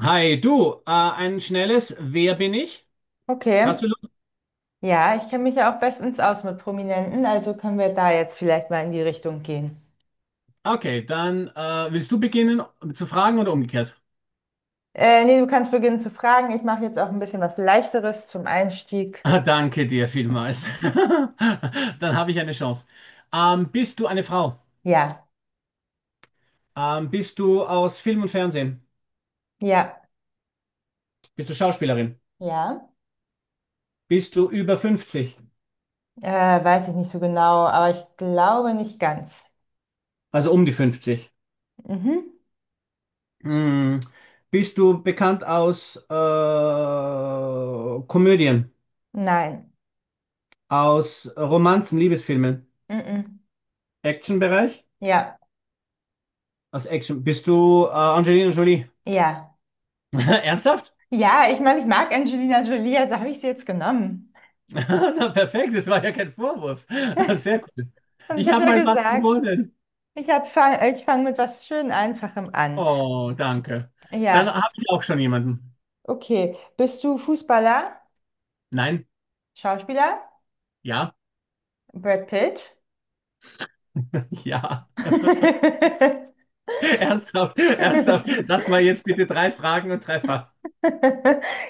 Hi, du, ein schnelles Wer bin ich? Hast Okay. du Lust? Ja, ich kenne mich ja auch bestens aus mit Prominenten, also können wir da jetzt vielleicht mal in die Richtung gehen. Okay, dann willst du beginnen um zu fragen oder umgekehrt? Nee, du kannst beginnen zu fragen. Ich mache jetzt auch ein bisschen was Leichteres zum Einstieg. Ah, danke dir vielmals. Dann habe ich eine Chance. Bist du eine Frau? Ja, Bist du aus Film und Fernsehen? ja, Bist du Schauspielerin? ja. Bist du über fünfzig? Weiß ich nicht so genau, aber ich glaube nicht ganz. Also um die 50? Mhm. Hm. Bist du bekannt aus Komödien, Nein. aus Romanzen, Liebesfilmen, Mhm. Actionbereich? Ja, Als Action. Bist du Angelina Jolie? ja. Ernsthaft? Ja, ich meine, ich mag Angelina Jolie, also habe ich sie jetzt genommen. Na, perfekt, das war ja kein Vorwurf. Sehr cool. Und ich Ich habe habe ja mal was gesagt, gewonnen. Ich fange mit was schön Einfachem an. Oh, danke. Dann Ja. habe ich auch schon jemanden. Okay, bist du Fußballer, Nein? Schauspieler, Ja? Brad Pitt? Ja. Ernsthaft, ernsthaft. Lass mal jetzt bitte drei Fragen und Treffer.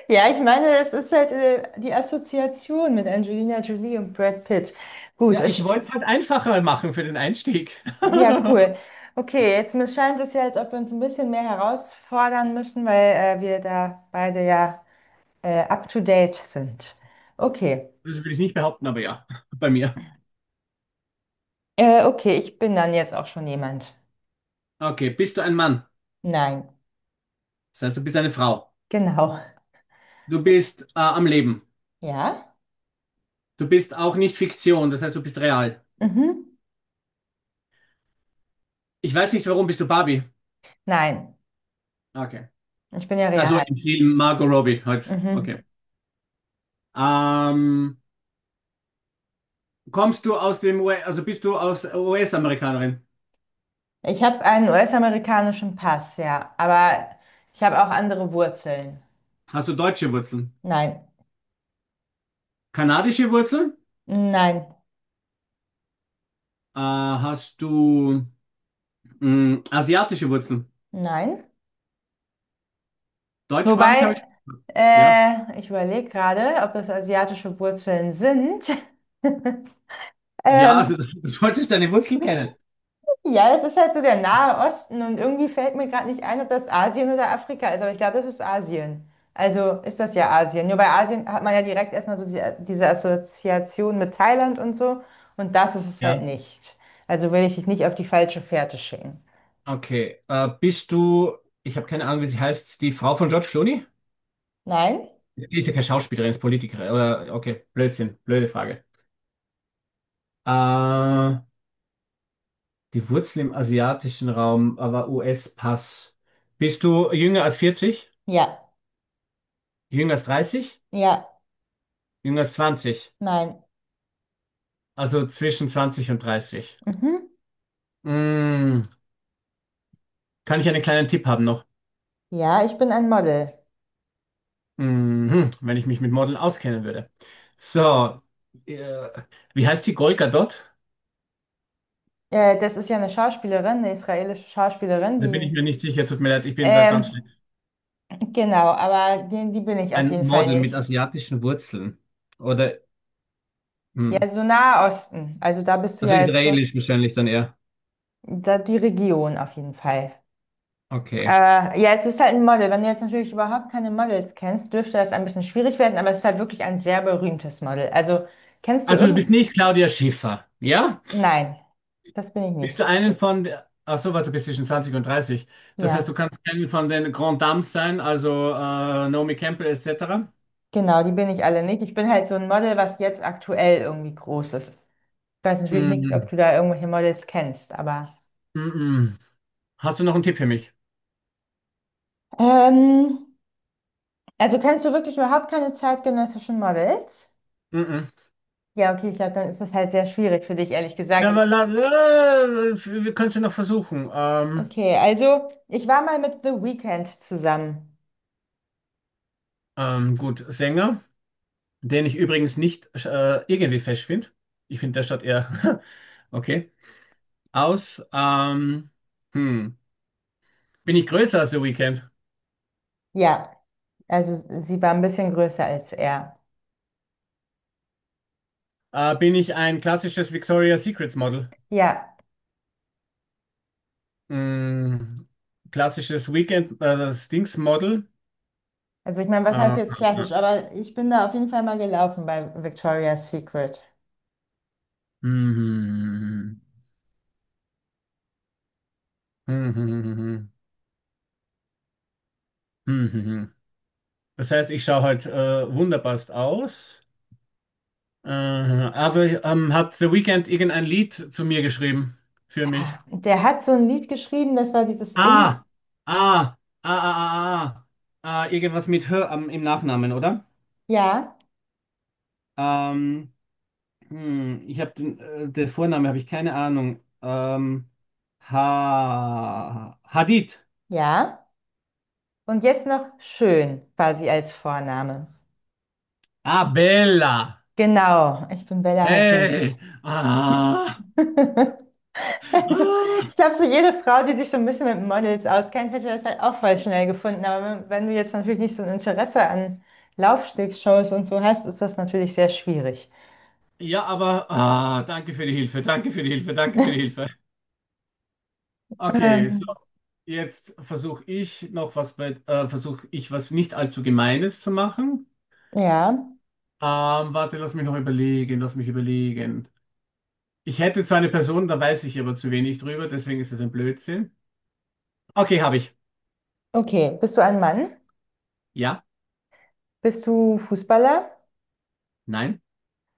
Ja, ich meine, es ist halt die Assoziation mit Angelina Jolie und Brad Pitt. Gut, Ja, ich es, wollte halt einfacher machen für den Einstieg. ja, cool. Okay, jetzt mir scheint es ja, als ob wir uns ein bisschen mehr herausfordern müssen, weil wir da beide ja up to date sind. Okay, Das will ich nicht behaupten, aber ja, bei mir. Okay, ich bin dann jetzt auch schon jemand. Okay, bist du ein Mann? Nein, Das heißt, du bist eine Frau. genau. Du bist am Leben. Ja? Du bist auch nicht Fiktion, das heißt, du bist real. Mhm. Ich weiß nicht, warum bist du Barbie? Nein. Okay. Ich bin ja Also real. im Film Margot Robbie halt. Mhm. Okay. Ähm, kommst du aus dem US, also bist du aus US-Amerikanerin? Ich habe einen US-amerikanischen Pass, ja, aber ich habe auch andere Wurzeln. Hast du deutsche Wurzeln? Nein, Kanadische Wurzeln? nein, Hast du mh, asiatische Wurzeln? nein. Deutschsprachig habe Wobei, ich. Ja. Ich überlege gerade, ob das asiatische Wurzeln sind. Ja, also Ähm, du solltest deine Wurzeln kennen. ja, das ist halt so der Nahe Osten und irgendwie fällt mir gerade nicht ein, ob das Asien oder Afrika ist, aber ich glaube, das ist Asien. Also ist das ja Asien. Nur bei Asien hat man ja direkt erstmal so diese Assoziation mit Thailand und so und das ist es Ja. halt nicht. Also will ich dich nicht auf die falsche Fährte schicken. Okay. Ich habe keine Ahnung, wie sie heißt, die Frau von George Clooney? Nein? Die ist ja keine Schauspielerin, ist Politikerin. Oder, okay, Blödsinn, blöde Frage. Äh, Die Wurzel im asiatischen Raum, aber US-Pass. Bist du jünger als 40? Ja. Jünger als 30? Ja. Jünger als 20? Nein. Also zwischen 20 und 30. Mhm. Mm, kann ich einen kleinen Tipp haben noch? Ja, ich bin ein Model. Mhm, wenn ich mich mit Modeln auskennen würde. So, äh, wie heißt die Golga Gadot? Das ist ja eine Schauspielerin, eine israelische Schauspielerin, Da bin ich die... mir nicht sicher, tut mir leid, ich bin da ganz schlecht. Ähm, genau, aber die bin ich auf Ein jeden Fall Model mit nicht. asiatischen Wurzeln. Oder. Hm, Ja, so Nahe Osten. Also da bist du also ja jetzt schon, israelisch wahrscheinlich dann eher. da die Region auf jeden Fall. Okay. Ja, es ist halt ein Model. Wenn du jetzt natürlich überhaupt keine Models kennst, dürfte das ein bisschen schwierig werden, aber es ist halt wirklich ein sehr berühmtes Model. Also kennst du Also du irgend... bist nicht Claudia Schiffer, ja? Nein, das bin ich Bist nicht. du einen von, ach so, warte, du bist zwischen 20 und 30. Das heißt, du Ja, kannst einen von den Grand Dames sein, also Naomi Campbell etc. genau, die bin ich alle nicht. Ich bin halt so ein Model, was jetzt aktuell irgendwie groß ist. Ich weiß natürlich nicht, ob Mm, du da irgendwelche Models kennst, aber... mm, mm. Hast du noch einen Tipp für mich? Ähm, also kennst du wirklich überhaupt keine zeitgenössischen Models? Mm, mm. Ja, okay, ich glaube, dann ist das halt sehr schwierig für dich, ehrlich Ja, gesagt. Aber la, la, wir können es ja noch versuchen. Okay, also ich war mal mit The Weeknd zusammen. Gut, Sänger, den ich übrigens nicht irgendwie fesch finde. Ich finde, der statt eher okay. Aus, hm. Bin ich größer als The Weeknd? Ja, also sie war ein bisschen größer als er. Bin ich ein klassisches Victoria's Secrets Model? Ja, Mm, klassisches Weekend, das Dings Model? also ich meine, was heißt Äh, jetzt klassisch, aber ich bin da auf jeden Fall mal gelaufen bei Victoria's Secret. mhm. Mhm. Mhm. Das heißt, ich schaue halt wunderbarst aus. Hat The Weeknd irgendein Lied zu mir geschrieben? Für mich? Ah, der hat so ein Lied geschrieben, das war dieses In, Ah, ah, ah, ah, ah, ah. Ah, irgendwas mit Hör am- im Nachnamen, oder? ja, Ähm, Hm, der Vorname habe ich keine Ahnung. Ha Hadid. ja, und jetzt noch schön, quasi als Vorname. Ah, Bella. Genau, ich bin Bella Hadid. Hey. Ah. Also, Ah. ich glaube, so jede Frau, die sich so ein bisschen mit Models auskennt, hätte das halt auch voll schnell gefunden. Aber wenn du jetzt natürlich nicht so ein Interesse an Laufstegshows und so hast, ist das natürlich sehr schwierig. Ja, aber ah, danke für die Hilfe, danke für die Hilfe, danke für die Hilfe. Okay, so, Ähm, jetzt versuche ich noch was bei, versuche ich was nicht allzu Gemeines zu machen. ja, Warte, lass mich noch überlegen, lass mich überlegen. Ich hätte zwar eine Person, da weiß ich aber zu wenig drüber, deswegen ist es ein Blödsinn. Okay, habe ich. okay. Bist du ein Mann? Ja. Bist du Fußballer? Nein.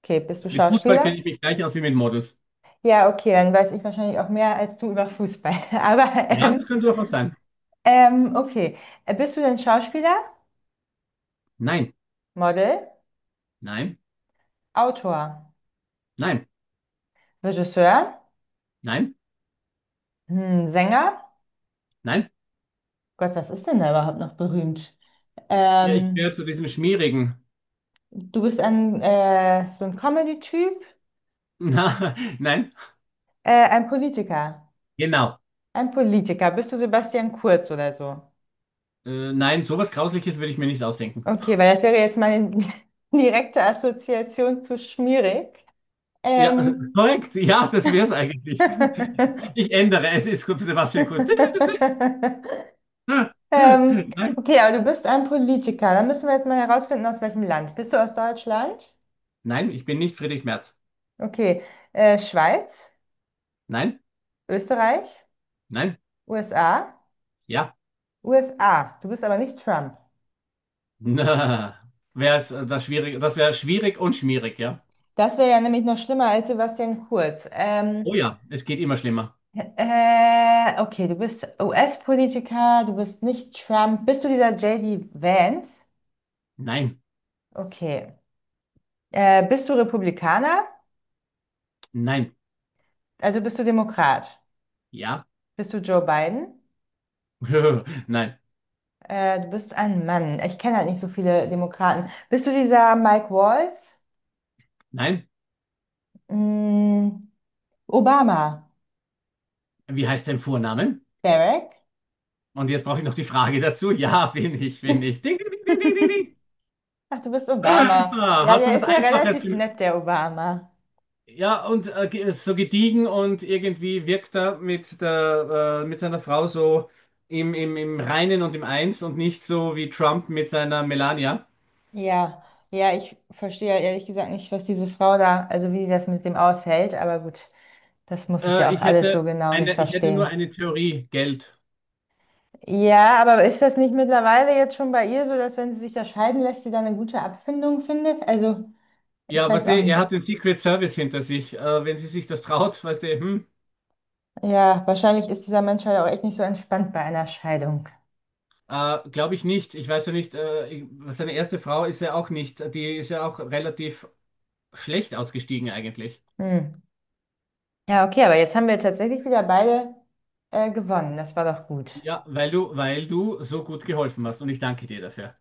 Okay, bist du Mit Fußball kenne Schauspieler? ich mich gleich aus wie mit Models. Ja, okay, dann weiß ich wahrscheinlich auch mehr als du über Fußball. Aber Ja, ähm, das könnte doch was sein. Okay. Bist du denn Schauspieler, Nein, Model, nein, Autor, nein, Regisseur, nein, hm, Sänger? nein. Gott, was ist denn da überhaupt noch berühmt? Ja, ich gehöre Ähm, zu diesem schmierigen. So ein Comedy-Typ, Na, nein, ein Politiker. genau. Ein Politiker. Bist du Sebastian Kurz oder so? Nein, sowas Grausliches würde ich mir nicht ausdenken. Okay, weil das wäre jetzt meine direkte Assoziation zu schmierig. Ja, Ähm. korrekt. Ja, das wäre es eigentlich. Ich ändere. Es ist gut, Sebastian Kurz. ähm, Nein, okay, aber du bist ein Politiker. Dann müssen wir jetzt mal herausfinden, aus welchem Land. Bist du aus Deutschland? nein, ich bin nicht Friedrich Merz. Okay, Schweiz, Nein, Österreich, nein, USA, ja. USA. Du bist aber nicht Trump. Das wäre schwierig und schmierig, ja. Das wäre ja nämlich noch schlimmer als Sebastian Kurz. Oh ja, es geht immer schlimmer. Okay, du bist US-Politiker, du bist nicht Trump. Bist du dieser JD Vance? Nein. Okay. Bist du Republikaner? Nein. Also bist du Demokrat? Ja. Bist du Joe Biden? Nein. Du bist ein Mann. Ich kenne halt nicht so viele Demokraten. Bist du dieser Mike Waltz? Nein. Mm, Obama? Wie heißt dein Vorname? Barack? Und jetzt brauche ich noch die Frage dazu. Bin ich. Ding, ding, ding, ding, ding, ding, Ach, du bist ding. Obama. Ah, Ja, hast du der was ist ja Einfaches? relativ nett, der Obama. Ja, und so gediegen und irgendwie wirkt er mit mit seiner Frau so im Reinen und im Eins und nicht so wie Trump mit seiner Melania. Ja, ja, ich verstehe ja ehrlich gesagt nicht, was diese Frau da, also wie die das mit dem aushält, aber gut, das muss ich ja auch alles so genau nicht Ich hätte nur verstehen. eine Theorie, Geld. Ja, aber ist das nicht mittlerweile jetzt schon bei ihr so, dass wenn sie sich da scheiden lässt, sie dann eine gute Abfindung findet? Also, ich Ja, weißt weiß du, auch er nicht. hat den Secret Service hinter sich. Wenn sie sich das traut, weißt du, hm. Ja, wahrscheinlich ist dieser Mensch halt auch echt nicht so entspannt bei einer Scheidung. Glaube ich nicht. Ich weiß ja nicht, ich, seine erste Frau ist ja auch nicht, die ist ja auch relativ schlecht ausgestiegen eigentlich. Hm. Ja, okay, aber jetzt haben wir tatsächlich wieder beide gewonnen. Das war doch gut. Ja, weil du so gut geholfen hast und ich danke dir dafür.